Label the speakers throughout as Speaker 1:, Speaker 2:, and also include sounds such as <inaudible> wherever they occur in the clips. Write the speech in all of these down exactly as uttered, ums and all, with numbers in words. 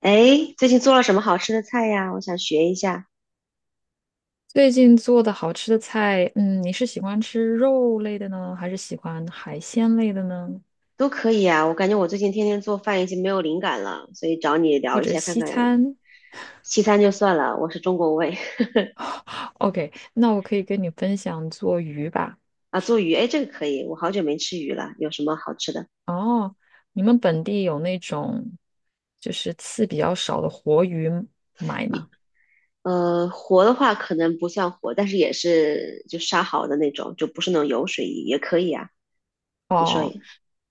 Speaker 1: 哎，最近做了什么好吃的菜呀？我想学一下。
Speaker 2: 最近做的好吃的菜，嗯，你是喜欢吃肉类的呢，还是喜欢海鲜类的呢，
Speaker 1: 都可以啊。我感觉我最近天天做饭已经没有灵感了，所以找你聊
Speaker 2: 或
Speaker 1: 一
Speaker 2: 者
Speaker 1: 下看
Speaker 2: 西
Speaker 1: 看。
Speaker 2: 餐
Speaker 1: 西餐就算了，我是中国胃。
Speaker 2: ？OK，那我可以跟你分享做鱼吧。
Speaker 1: <laughs> 啊，做鱼，哎，这个可以，我好久没吃鱼了。有什么好吃的？
Speaker 2: 哦，你们本地有那种就是刺比较少的活鱼买
Speaker 1: 你
Speaker 2: 吗？
Speaker 1: 呃，活的话可能不算活，但是也是就杀好的那种，就不是那种油水鱼，也可以啊。你说
Speaker 2: 哦，
Speaker 1: 也，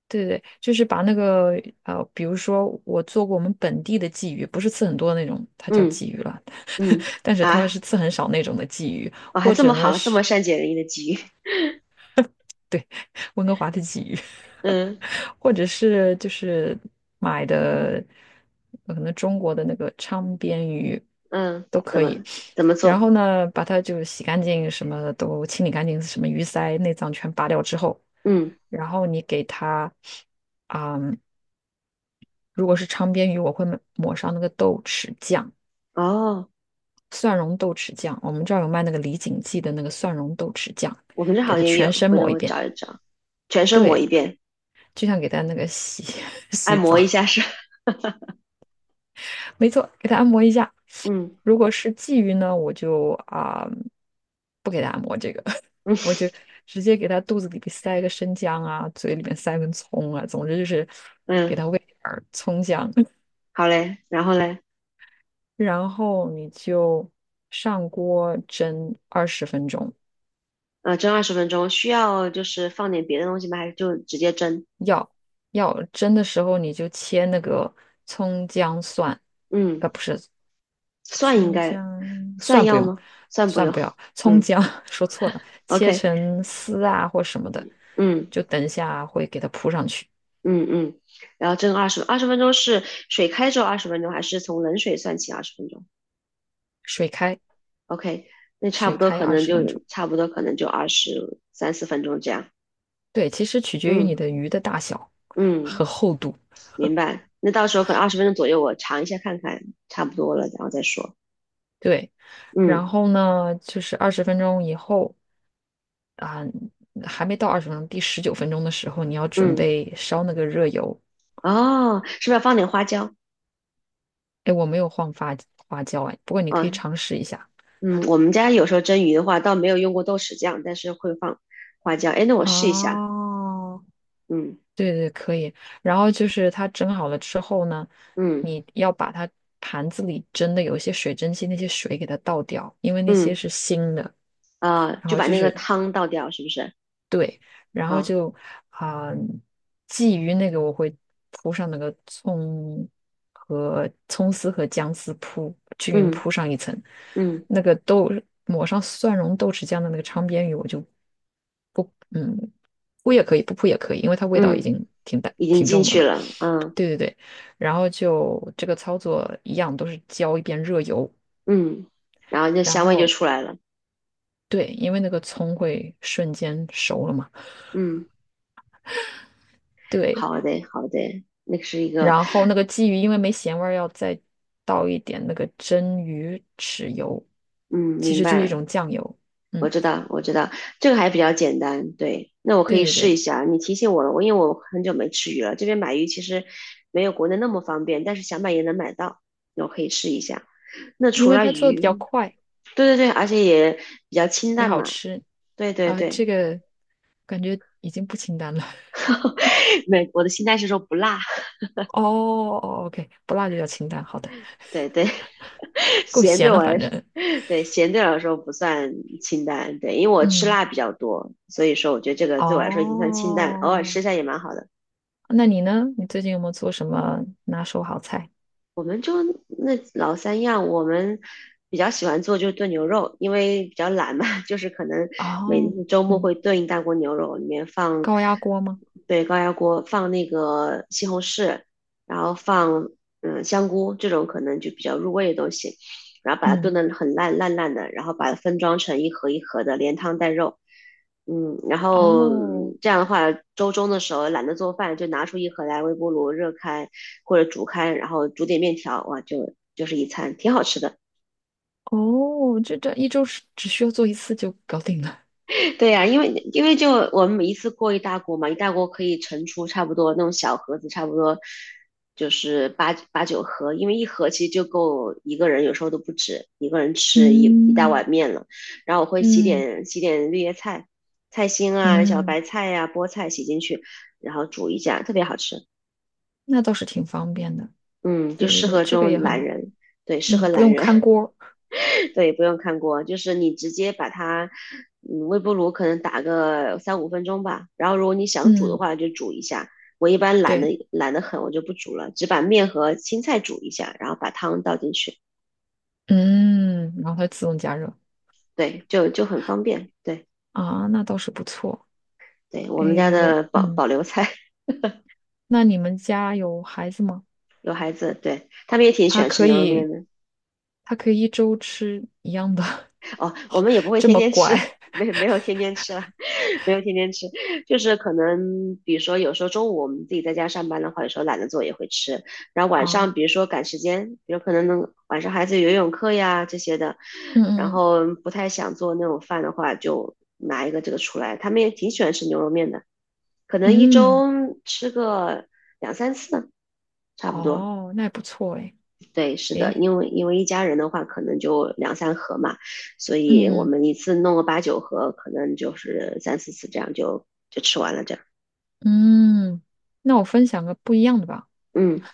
Speaker 2: 对对，就是把那个呃，比如说我做过我们本地的鲫鱼，不是刺很多的那种，它叫
Speaker 1: 嗯
Speaker 2: 鲫鱼了，
Speaker 1: 嗯
Speaker 2: <laughs> 但是它是
Speaker 1: 啊，
Speaker 2: 刺很少那种的鲫鱼，
Speaker 1: 我还
Speaker 2: 或
Speaker 1: 这
Speaker 2: 者
Speaker 1: 么
Speaker 2: 呢
Speaker 1: 好，这
Speaker 2: 是
Speaker 1: 么善解人意的鲫鱼。
Speaker 2: 对，温哥华的鲫鱼，
Speaker 1: <laughs> 嗯
Speaker 2: <laughs> 或者是就是买的，呃可能中国的那个昌边鱼
Speaker 1: 嗯，
Speaker 2: 都
Speaker 1: 怎
Speaker 2: 可
Speaker 1: 么
Speaker 2: 以。
Speaker 1: 怎么
Speaker 2: 然
Speaker 1: 做？
Speaker 2: 后呢，把它就洗干净，什么都清理干净，什么鱼鳃、内脏全拔掉之后，
Speaker 1: 嗯，
Speaker 2: 然后你给它，嗯，如果是昌边鱼，我会抹抹上那个豆豉酱，
Speaker 1: 哦。
Speaker 2: 蒜蓉豆豉酱，我们这儿有卖那个李锦记的那个蒜蓉豆豉酱，
Speaker 1: 我们这
Speaker 2: 给
Speaker 1: 好
Speaker 2: 它
Speaker 1: 像也
Speaker 2: 全
Speaker 1: 有，
Speaker 2: 身
Speaker 1: 回头
Speaker 2: 抹一
Speaker 1: 我
Speaker 2: 遍。
Speaker 1: 找一找，全身抹
Speaker 2: 对，
Speaker 1: 一遍，
Speaker 2: 就像给它那个洗 <laughs>
Speaker 1: 按
Speaker 2: 洗
Speaker 1: 摩一
Speaker 2: 澡，
Speaker 1: 下是。<laughs>
Speaker 2: 没错，给它按摩一下。
Speaker 1: 嗯
Speaker 2: 如果是鲫鱼呢，我就啊、不给它按摩这个，<laughs> 我
Speaker 1: 嗯
Speaker 2: 就直接给它肚子里边塞个生姜啊，嘴里面塞根葱啊，总之就是给
Speaker 1: 嗯，
Speaker 2: 它喂点儿葱姜，<laughs>
Speaker 1: 好嘞，然后嘞，
Speaker 2: 然后你就上锅蒸二十分钟。
Speaker 1: 呃，蒸二十分钟，需要就是放点别的东西吗？还是就直接蒸？
Speaker 2: 要要蒸的时候，你就切那个葱姜蒜，
Speaker 1: 嗯，
Speaker 2: 呃，不是
Speaker 1: 蒜应
Speaker 2: 葱
Speaker 1: 该
Speaker 2: 姜
Speaker 1: 蒜
Speaker 2: 蒜不
Speaker 1: 要
Speaker 2: 用，
Speaker 1: 吗？蒜不
Speaker 2: 蒜
Speaker 1: 用，
Speaker 2: 不要，葱
Speaker 1: 嗯
Speaker 2: 姜 <laughs> 说错了，切
Speaker 1: ，OK，
Speaker 2: 成丝啊或什么的，
Speaker 1: 嗯
Speaker 2: 就等一下会给它铺上去，
Speaker 1: 嗯嗯，然后蒸二十二十分钟是水开之后二十分钟，还是从冷水算起二十分钟
Speaker 2: 水开，
Speaker 1: ？OK，那差不
Speaker 2: 水
Speaker 1: 多
Speaker 2: 开
Speaker 1: 可
Speaker 2: 二
Speaker 1: 能
Speaker 2: 十
Speaker 1: 就
Speaker 2: 分钟。
Speaker 1: 差不多可能就二十三四分钟这样，
Speaker 2: 对，其实取决于你
Speaker 1: 嗯
Speaker 2: 的鱼的大小
Speaker 1: 嗯。
Speaker 2: 和厚度。
Speaker 1: 明白。那到时候可能二十分钟左右，我尝一下看看，差不多了，然后再说。
Speaker 2: 对，然
Speaker 1: 嗯
Speaker 2: 后呢，就是二十分钟以后啊，还没到二十分钟，第十九分钟的时候，你要准
Speaker 1: 嗯，
Speaker 2: 备烧那个热油。
Speaker 1: 哦，是不是要放点花椒？
Speaker 2: 哎，我没有放发花椒哎，不过你可以
Speaker 1: 啊，
Speaker 2: 尝试一下。
Speaker 1: 嗯，我们家有时候蒸鱼的话，倒没有用过豆豉酱，但是会放花椒。哎，那我试一下。
Speaker 2: 哦，
Speaker 1: 嗯
Speaker 2: 对对，可以。然后就是它蒸好了之后呢，
Speaker 1: 嗯
Speaker 2: 你要把它盘子里蒸的有一些水蒸气，那些水给它倒掉，因为那些
Speaker 1: 嗯，
Speaker 2: 是腥的。
Speaker 1: 啊，
Speaker 2: 然
Speaker 1: 就
Speaker 2: 后
Speaker 1: 把
Speaker 2: 就
Speaker 1: 那个
Speaker 2: 是
Speaker 1: 汤倒掉，是不是？
Speaker 2: 对，然后
Speaker 1: 啊，
Speaker 2: 就啊、鲫鱼那个我会铺上那个葱和葱丝和姜丝铺均匀
Speaker 1: 嗯
Speaker 2: 铺上一层，
Speaker 1: 嗯
Speaker 2: 那个豆抹上蒜蓉豆豉酱的那个昌边鱼我就嗯铺也可以，不铺也可以，因为它味道已
Speaker 1: 嗯，
Speaker 2: 经挺淡
Speaker 1: 已经
Speaker 2: 挺
Speaker 1: 进
Speaker 2: 重的
Speaker 1: 去
Speaker 2: 了。
Speaker 1: 了。嗯
Speaker 2: 对对对，然后就这个操作一样，都是浇一遍热油，
Speaker 1: 嗯，然后那
Speaker 2: 然
Speaker 1: 香味就
Speaker 2: 后
Speaker 1: 出来了。
Speaker 2: 对，因为那个葱会瞬间熟了嘛，
Speaker 1: 嗯，
Speaker 2: 对，
Speaker 1: 好的好的，那个是一个，
Speaker 2: 然后那个鲫鱼因为没咸味儿，要再倒一点那个蒸鱼豉油，
Speaker 1: 嗯，
Speaker 2: 其
Speaker 1: 明
Speaker 2: 实就是一
Speaker 1: 白。
Speaker 2: 种酱油，
Speaker 1: 我
Speaker 2: 嗯，
Speaker 1: 知道，我知道，这个还比较简单。对，那我可
Speaker 2: 对
Speaker 1: 以
Speaker 2: 对
Speaker 1: 试一
Speaker 2: 对，
Speaker 1: 下。你提醒我了，我因为我很久没吃鱼了，这边买鱼其实没有国内那么方便，但是想买也能买到，那我可以试一下。那
Speaker 2: 因
Speaker 1: 除
Speaker 2: 为
Speaker 1: 了
Speaker 2: 它做的比较
Speaker 1: 鱼，
Speaker 2: 快，
Speaker 1: 对对对，而且也比较清
Speaker 2: 也
Speaker 1: 淡
Speaker 2: 好
Speaker 1: 嘛。
Speaker 2: 吃
Speaker 1: 对对
Speaker 2: 啊，这
Speaker 1: 对，
Speaker 2: 个感觉已经不清淡了，
Speaker 1: <laughs> 美我的清淡是说不辣，
Speaker 2: <laughs> 哦哦，OK，不辣就叫清淡，好的，
Speaker 1: 对对，<laughs>
Speaker 2: 够
Speaker 1: 咸对
Speaker 2: 咸了，
Speaker 1: 我
Speaker 2: 反
Speaker 1: 来说，
Speaker 2: 正，
Speaker 1: 对咸对我来说不算清淡，对，因为我吃
Speaker 2: 嗯，
Speaker 1: 辣比较多，所以说我觉得这个对我来说已经算清淡了，偶尔吃一
Speaker 2: 哦。
Speaker 1: 下也蛮好的。
Speaker 2: 那你呢？你最近有没有做什么拿手好菜？
Speaker 1: 我们就那老三样，我们比较喜欢做就是炖牛肉，因为比较懒嘛。<laughs> 就是可能每
Speaker 2: 哦，
Speaker 1: 周末
Speaker 2: 嗯，
Speaker 1: 会炖一大锅牛肉，里面放，
Speaker 2: 高压锅吗？
Speaker 1: 对，高压锅放那个西红柿，然后放嗯香菇这种可能就比较入味的东西，然后把它炖
Speaker 2: 嗯，
Speaker 1: 得很烂烂烂的，然后把它分装成一盒一盒的，连汤带肉。嗯，然后
Speaker 2: 哦，
Speaker 1: 这样的话，周中的时候懒得做饭，就拿出一盒来微波炉热开或者煮开，然后煮点面条，哇，就就是一餐，挺好吃的。
Speaker 2: 哦，这这一周是只需要做一次就搞定了。
Speaker 1: <laughs> 对呀、因为因为就我们一次过一大锅嘛，一大锅可以盛出差不多那种小盒子，差不多就是八八九盒，因为一盒其实就够一个人，有时候都不止一个人吃一一大
Speaker 2: 嗯
Speaker 1: 碗面了。然后我会洗
Speaker 2: 嗯
Speaker 1: 点洗点绿叶菜、菜心啊、小
Speaker 2: 嗯，
Speaker 1: 白菜呀、菠菜洗进去，然后煮一下，特别好吃。
Speaker 2: 那倒是挺方便的。
Speaker 1: 嗯，就
Speaker 2: 对对
Speaker 1: 适
Speaker 2: 对，
Speaker 1: 合这
Speaker 2: 这个也
Speaker 1: 种
Speaker 2: 很
Speaker 1: 懒
Speaker 2: 好。
Speaker 1: 人，对，适合
Speaker 2: 嗯，不
Speaker 1: 懒
Speaker 2: 用看
Speaker 1: 人。
Speaker 2: 锅。
Speaker 1: <laughs> 对，不用看锅，就是你直接把它，嗯，微波炉可能打个三五分钟吧，然后如果你想煮的
Speaker 2: 嗯，
Speaker 1: 话就煮一下。我一般懒
Speaker 2: 对，
Speaker 1: 得懒得很，我就不煮了，只把面和青菜煮一下，然后把汤倒进去，
Speaker 2: 嗯，然后它自动加热
Speaker 1: 对，就就很方便。对，
Speaker 2: 啊，那倒是不错。
Speaker 1: 对，我们家
Speaker 2: 诶，我
Speaker 1: 的保
Speaker 2: 嗯，
Speaker 1: 保留菜。<laughs>
Speaker 2: 那你们家有孩子吗？
Speaker 1: 有孩子，对，他们也挺喜
Speaker 2: 他
Speaker 1: 欢吃
Speaker 2: 可
Speaker 1: 牛肉面
Speaker 2: 以，
Speaker 1: 的。
Speaker 2: 他可以一周吃一样的。
Speaker 1: 哦，我们也不会
Speaker 2: 这
Speaker 1: 天
Speaker 2: 么
Speaker 1: 天吃。
Speaker 2: 乖。
Speaker 1: <laughs> 没没有天天吃了，<laughs> 没有天天吃，就是可能比如说有时候中午我们自己在家上班的话，有时候懒得做也会吃，然后晚上
Speaker 2: 哦，
Speaker 1: 比如说赶时间，有可能能晚上孩子有游泳课呀这些的，
Speaker 2: 嗯
Speaker 1: 然
Speaker 2: 嗯
Speaker 1: 后不太想做那种饭的话，就拿一个这个出来，他们也挺喜欢吃牛肉面的，可能一
Speaker 2: 嗯，嗯，
Speaker 1: 周吃个两三次，差不多。
Speaker 2: 哦，那也不错诶，
Speaker 1: 对，是的，
Speaker 2: 诶，
Speaker 1: 因为因为一家人的话，可能就两三盒嘛，所以我
Speaker 2: 嗯
Speaker 1: 们一次弄个八九盒，可能就是三四次这样就就吃完了这样。
Speaker 2: 嗯，那我分享个不一样的吧，
Speaker 1: 嗯，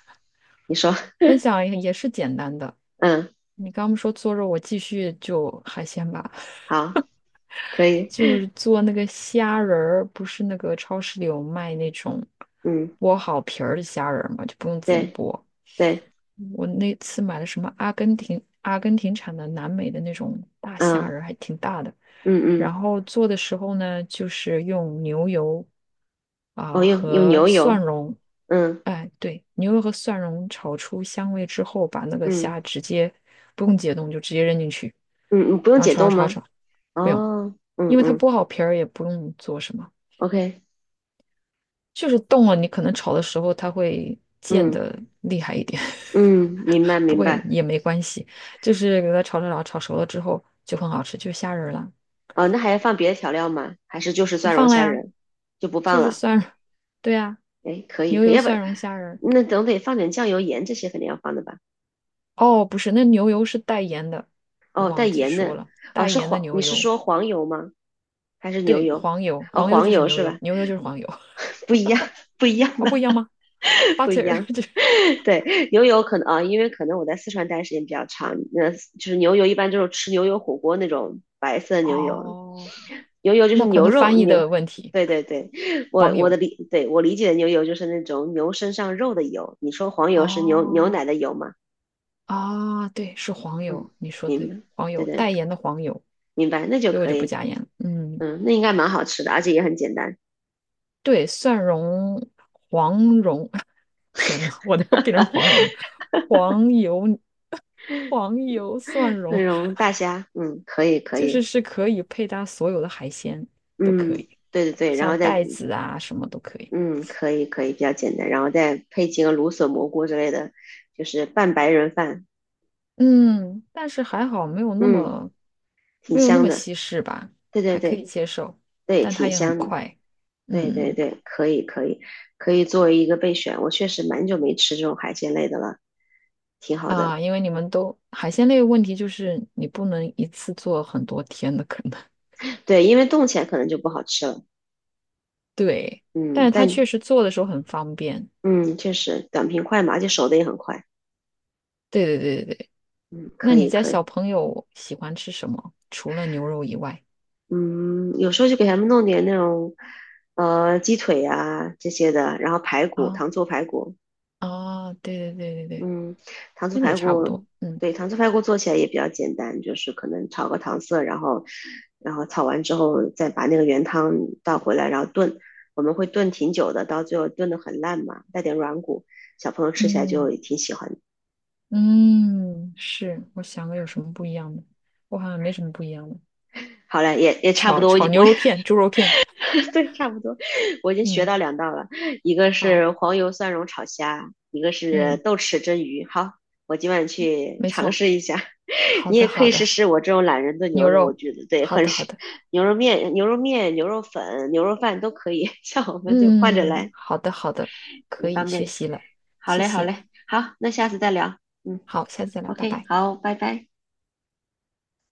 Speaker 1: 你说，
Speaker 2: 分享也也是简单的。
Speaker 1: 嗯，
Speaker 2: 你刚刚说做肉，我继续就海鲜吧，
Speaker 1: 好，可
Speaker 2: <laughs>
Speaker 1: 以，
Speaker 2: 就是做那个虾仁儿，不是那个超市里有卖那种
Speaker 1: 嗯，
Speaker 2: 剥好皮儿的虾仁儿嘛，就不用自己
Speaker 1: 对
Speaker 2: 剥，
Speaker 1: 对，
Speaker 2: 我那次买的什么阿根廷阿根廷产的南美的那种大虾
Speaker 1: 嗯
Speaker 2: 仁儿，还挺大的。
Speaker 1: 嗯
Speaker 2: 然
Speaker 1: 嗯，
Speaker 2: 后做的时候呢，就是用牛油
Speaker 1: 哦，
Speaker 2: 啊、
Speaker 1: 用用
Speaker 2: 和
Speaker 1: 牛
Speaker 2: 蒜
Speaker 1: 油，
Speaker 2: 蓉，
Speaker 1: 嗯
Speaker 2: 哎，对，牛油和蒜蓉炒出香味之后，把那个
Speaker 1: 嗯
Speaker 2: 虾直接不用解冻就直接扔进去，
Speaker 1: 嗯，嗯不用
Speaker 2: 然后
Speaker 1: 解
Speaker 2: 炒
Speaker 1: 冻
Speaker 2: 炒
Speaker 1: 吗？
Speaker 2: 炒炒，不用，
Speaker 1: 哦，嗯
Speaker 2: 因为它
Speaker 1: 嗯
Speaker 2: 剥好皮儿也不用做什么。
Speaker 1: ，OK，
Speaker 2: 就是动了，你可能炒的时候它会溅
Speaker 1: 嗯
Speaker 2: 的厉害一点，
Speaker 1: 嗯，明白
Speaker 2: <laughs> 不
Speaker 1: 明
Speaker 2: 过
Speaker 1: 白。
Speaker 2: 也没关系，就是给它炒炒炒炒熟了之后就很好吃，就是虾仁儿了，
Speaker 1: 哦，那还要放别的调料吗？还是就是
Speaker 2: 不
Speaker 1: 蒜蓉
Speaker 2: 放了
Speaker 1: 虾
Speaker 2: 呀，
Speaker 1: 仁就不
Speaker 2: 就
Speaker 1: 放
Speaker 2: 是
Speaker 1: 了？
Speaker 2: 蒜蓉对呀，
Speaker 1: 哎，可以
Speaker 2: 牛
Speaker 1: 可以，
Speaker 2: 油
Speaker 1: 要不
Speaker 2: 蒜蓉虾仁儿。
Speaker 1: 那总得放点酱油、盐这些肯定要放的吧？
Speaker 2: 哦，不是，那牛油是带盐的，我
Speaker 1: 哦，带
Speaker 2: 忘记
Speaker 1: 盐
Speaker 2: 说
Speaker 1: 的，
Speaker 2: 了，
Speaker 1: 哦，
Speaker 2: 带
Speaker 1: 是
Speaker 2: 盐的
Speaker 1: 黄，你
Speaker 2: 牛
Speaker 1: 是
Speaker 2: 油，
Speaker 1: 说黄油吗？还是牛
Speaker 2: 对，
Speaker 1: 油？
Speaker 2: 黄油，
Speaker 1: 哦，
Speaker 2: 黄油
Speaker 1: 黄
Speaker 2: 就是
Speaker 1: 油
Speaker 2: 牛
Speaker 1: 是
Speaker 2: 油，
Speaker 1: 吧？
Speaker 2: 牛油就是黄油，<laughs>
Speaker 1: 不一样，不一样
Speaker 2: 哦，
Speaker 1: 的，
Speaker 2: 不一样吗
Speaker 1: <laughs> 不一
Speaker 2: ？Butter
Speaker 1: 样。
Speaker 2: 就是，
Speaker 1: <laughs> 对，牛油可能啊，因为可能我在四川待的时间比较长，那就是牛油一般就是吃牛油火锅那种白色的牛油，
Speaker 2: 哦，
Speaker 1: 牛油就是
Speaker 2: 那可
Speaker 1: 牛
Speaker 2: 能
Speaker 1: 肉
Speaker 2: 翻译
Speaker 1: 牛，
Speaker 2: 的问题，
Speaker 1: 对对对，我
Speaker 2: 黄
Speaker 1: 我的
Speaker 2: 油，
Speaker 1: 理，对我理解的牛油就是那种牛身上肉的油，你说黄油是牛牛奶
Speaker 2: 哦。
Speaker 1: 的油吗？
Speaker 2: 啊，对，是黄
Speaker 1: 嗯，
Speaker 2: 油，你说
Speaker 1: 明
Speaker 2: 对，
Speaker 1: 白，
Speaker 2: 黄
Speaker 1: 对
Speaker 2: 油，
Speaker 1: 对，
Speaker 2: 带盐的黄油，
Speaker 1: 明白，那就
Speaker 2: 所以我
Speaker 1: 可
Speaker 2: 就不
Speaker 1: 以。
Speaker 2: 加盐了。嗯，
Speaker 1: 嗯，那应该蛮好吃的，而且也很简单。
Speaker 2: 对，蒜蓉、黄蓉，<laughs> 天呐，我都要变成黄蓉了，黄油、黄油蒜蓉，
Speaker 1: 那种大虾，嗯，可以可
Speaker 2: 就是
Speaker 1: 以，
Speaker 2: 是可以配搭所有的海鲜都
Speaker 1: 嗯，
Speaker 2: 可以，
Speaker 1: 对对对，然
Speaker 2: 像
Speaker 1: 后再
Speaker 2: 带子啊什么都可以。
Speaker 1: 嗯，可以可以，比较简单，然后再配几个芦笋蘑菇之类的，就是拌白人饭，
Speaker 2: 嗯，但是还好没有那
Speaker 1: 嗯，
Speaker 2: 么
Speaker 1: 挺
Speaker 2: 没有那
Speaker 1: 香
Speaker 2: 么
Speaker 1: 的。
Speaker 2: 西式吧，
Speaker 1: 对对
Speaker 2: 还可以
Speaker 1: 对
Speaker 2: 接受，
Speaker 1: 对，
Speaker 2: 但它
Speaker 1: 挺
Speaker 2: 也很
Speaker 1: 香的。
Speaker 2: 快。
Speaker 1: 对对
Speaker 2: 嗯。
Speaker 1: 对，可以可以可以作为一个备选。我确实蛮久没吃这种海鲜类的了，挺好的。
Speaker 2: 啊，因为你们都海鲜类的问题就是你不能一次做很多天的，可能 <laughs>
Speaker 1: 对，因为冻起来可能就不好吃了。
Speaker 2: 对，但
Speaker 1: 嗯，
Speaker 2: 是它
Speaker 1: 但
Speaker 2: 确实做的时候很方便。
Speaker 1: 嗯，确实短平快嘛，而且熟的也很快。
Speaker 2: 对对对对对，
Speaker 1: 嗯，
Speaker 2: 那
Speaker 1: 可
Speaker 2: 你
Speaker 1: 以
Speaker 2: 家
Speaker 1: 可以。
Speaker 2: 小朋友喜欢吃什么？除了牛肉以外
Speaker 1: 嗯，有时候就给他们弄点那种，呃，鸡腿啊这些的，然后排骨，
Speaker 2: 啊
Speaker 1: 糖醋排骨。
Speaker 2: 啊，对对对对对，
Speaker 1: 嗯，糖醋
Speaker 2: 那也
Speaker 1: 排
Speaker 2: 差不
Speaker 1: 骨，
Speaker 2: 多。嗯
Speaker 1: 对，糖醋排骨做起来也比较简单，就是可能炒个糖色，然后，然后炒完之后再把那个原汤倒回来，然后炖。我们会炖挺久的，到最后炖的很烂嘛，带点软骨，小朋友吃起来就
Speaker 2: 嗯
Speaker 1: 挺喜欢的。
Speaker 2: 嗯，是，我想个有什么不一样的，我好像没什么不一样的。
Speaker 1: 好了，也也差不
Speaker 2: 炒
Speaker 1: 多，
Speaker 2: 炒牛
Speaker 1: 我
Speaker 2: 肉
Speaker 1: 也。<laughs>
Speaker 2: 片、猪肉片，
Speaker 1: <laughs> 对，差不多，我已经学
Speaker 2: 嗯，
Speaker 1: 到两道了，一个
Speaker 2: 好，
Speaker 1: 是黄油蒜蓉炒虾，一个是
Speaker 2: 嗯，
Speaker 1: 豆豉蒸鱼。好，我今晚去
Speaker 2: 没
Speaker 1: 尝
Speaker 2: 错，
Speaker 1: 试一下。<laughs>
Speaker 2: 好
Speaker 1: 你
Speaker 2: 的
Speaker 1: 也可
Speaker 2: 好
Speaker 1: 以试
Speaker 2: 的，
Speaker 1: 试我这种懒人炖牛
Speaker 2: 牛
Speaker 1: 肉，我
Speaker 2: 肉，
Speaker 1: 觉得对，
Speaker 2: 好
Speaker 1: 很
Speaker 2: 的好
Speaker 1: 适。
Speaker 2: 的。
Speaker 1: 牛肉面、牛肉面、牛肉粉、牛肉饭都可以。<laughs> 像我们就换着
Speaker 2: 嗯，
Speaker 1: 来，
Speaker 2: 好的，好的，
Speaker 1: 挺
Speaker 2: 可以
Speaker 1: 方
Speaker 2: 学
Speaker 1: 便的。
Speaker 2: 习了，
Speaker 1: 好
Speaker 2: 谢
Speaker 1: 嘞，好嘞，
Speaker 2: 谢。
Speaker 1: 好，那下次再聊。嗯
Speaker 2: 好，下次再聊，拜
Speaker 1: ，OK，
Speaker 2: 拜。
Speaker 1: 好，拜拜。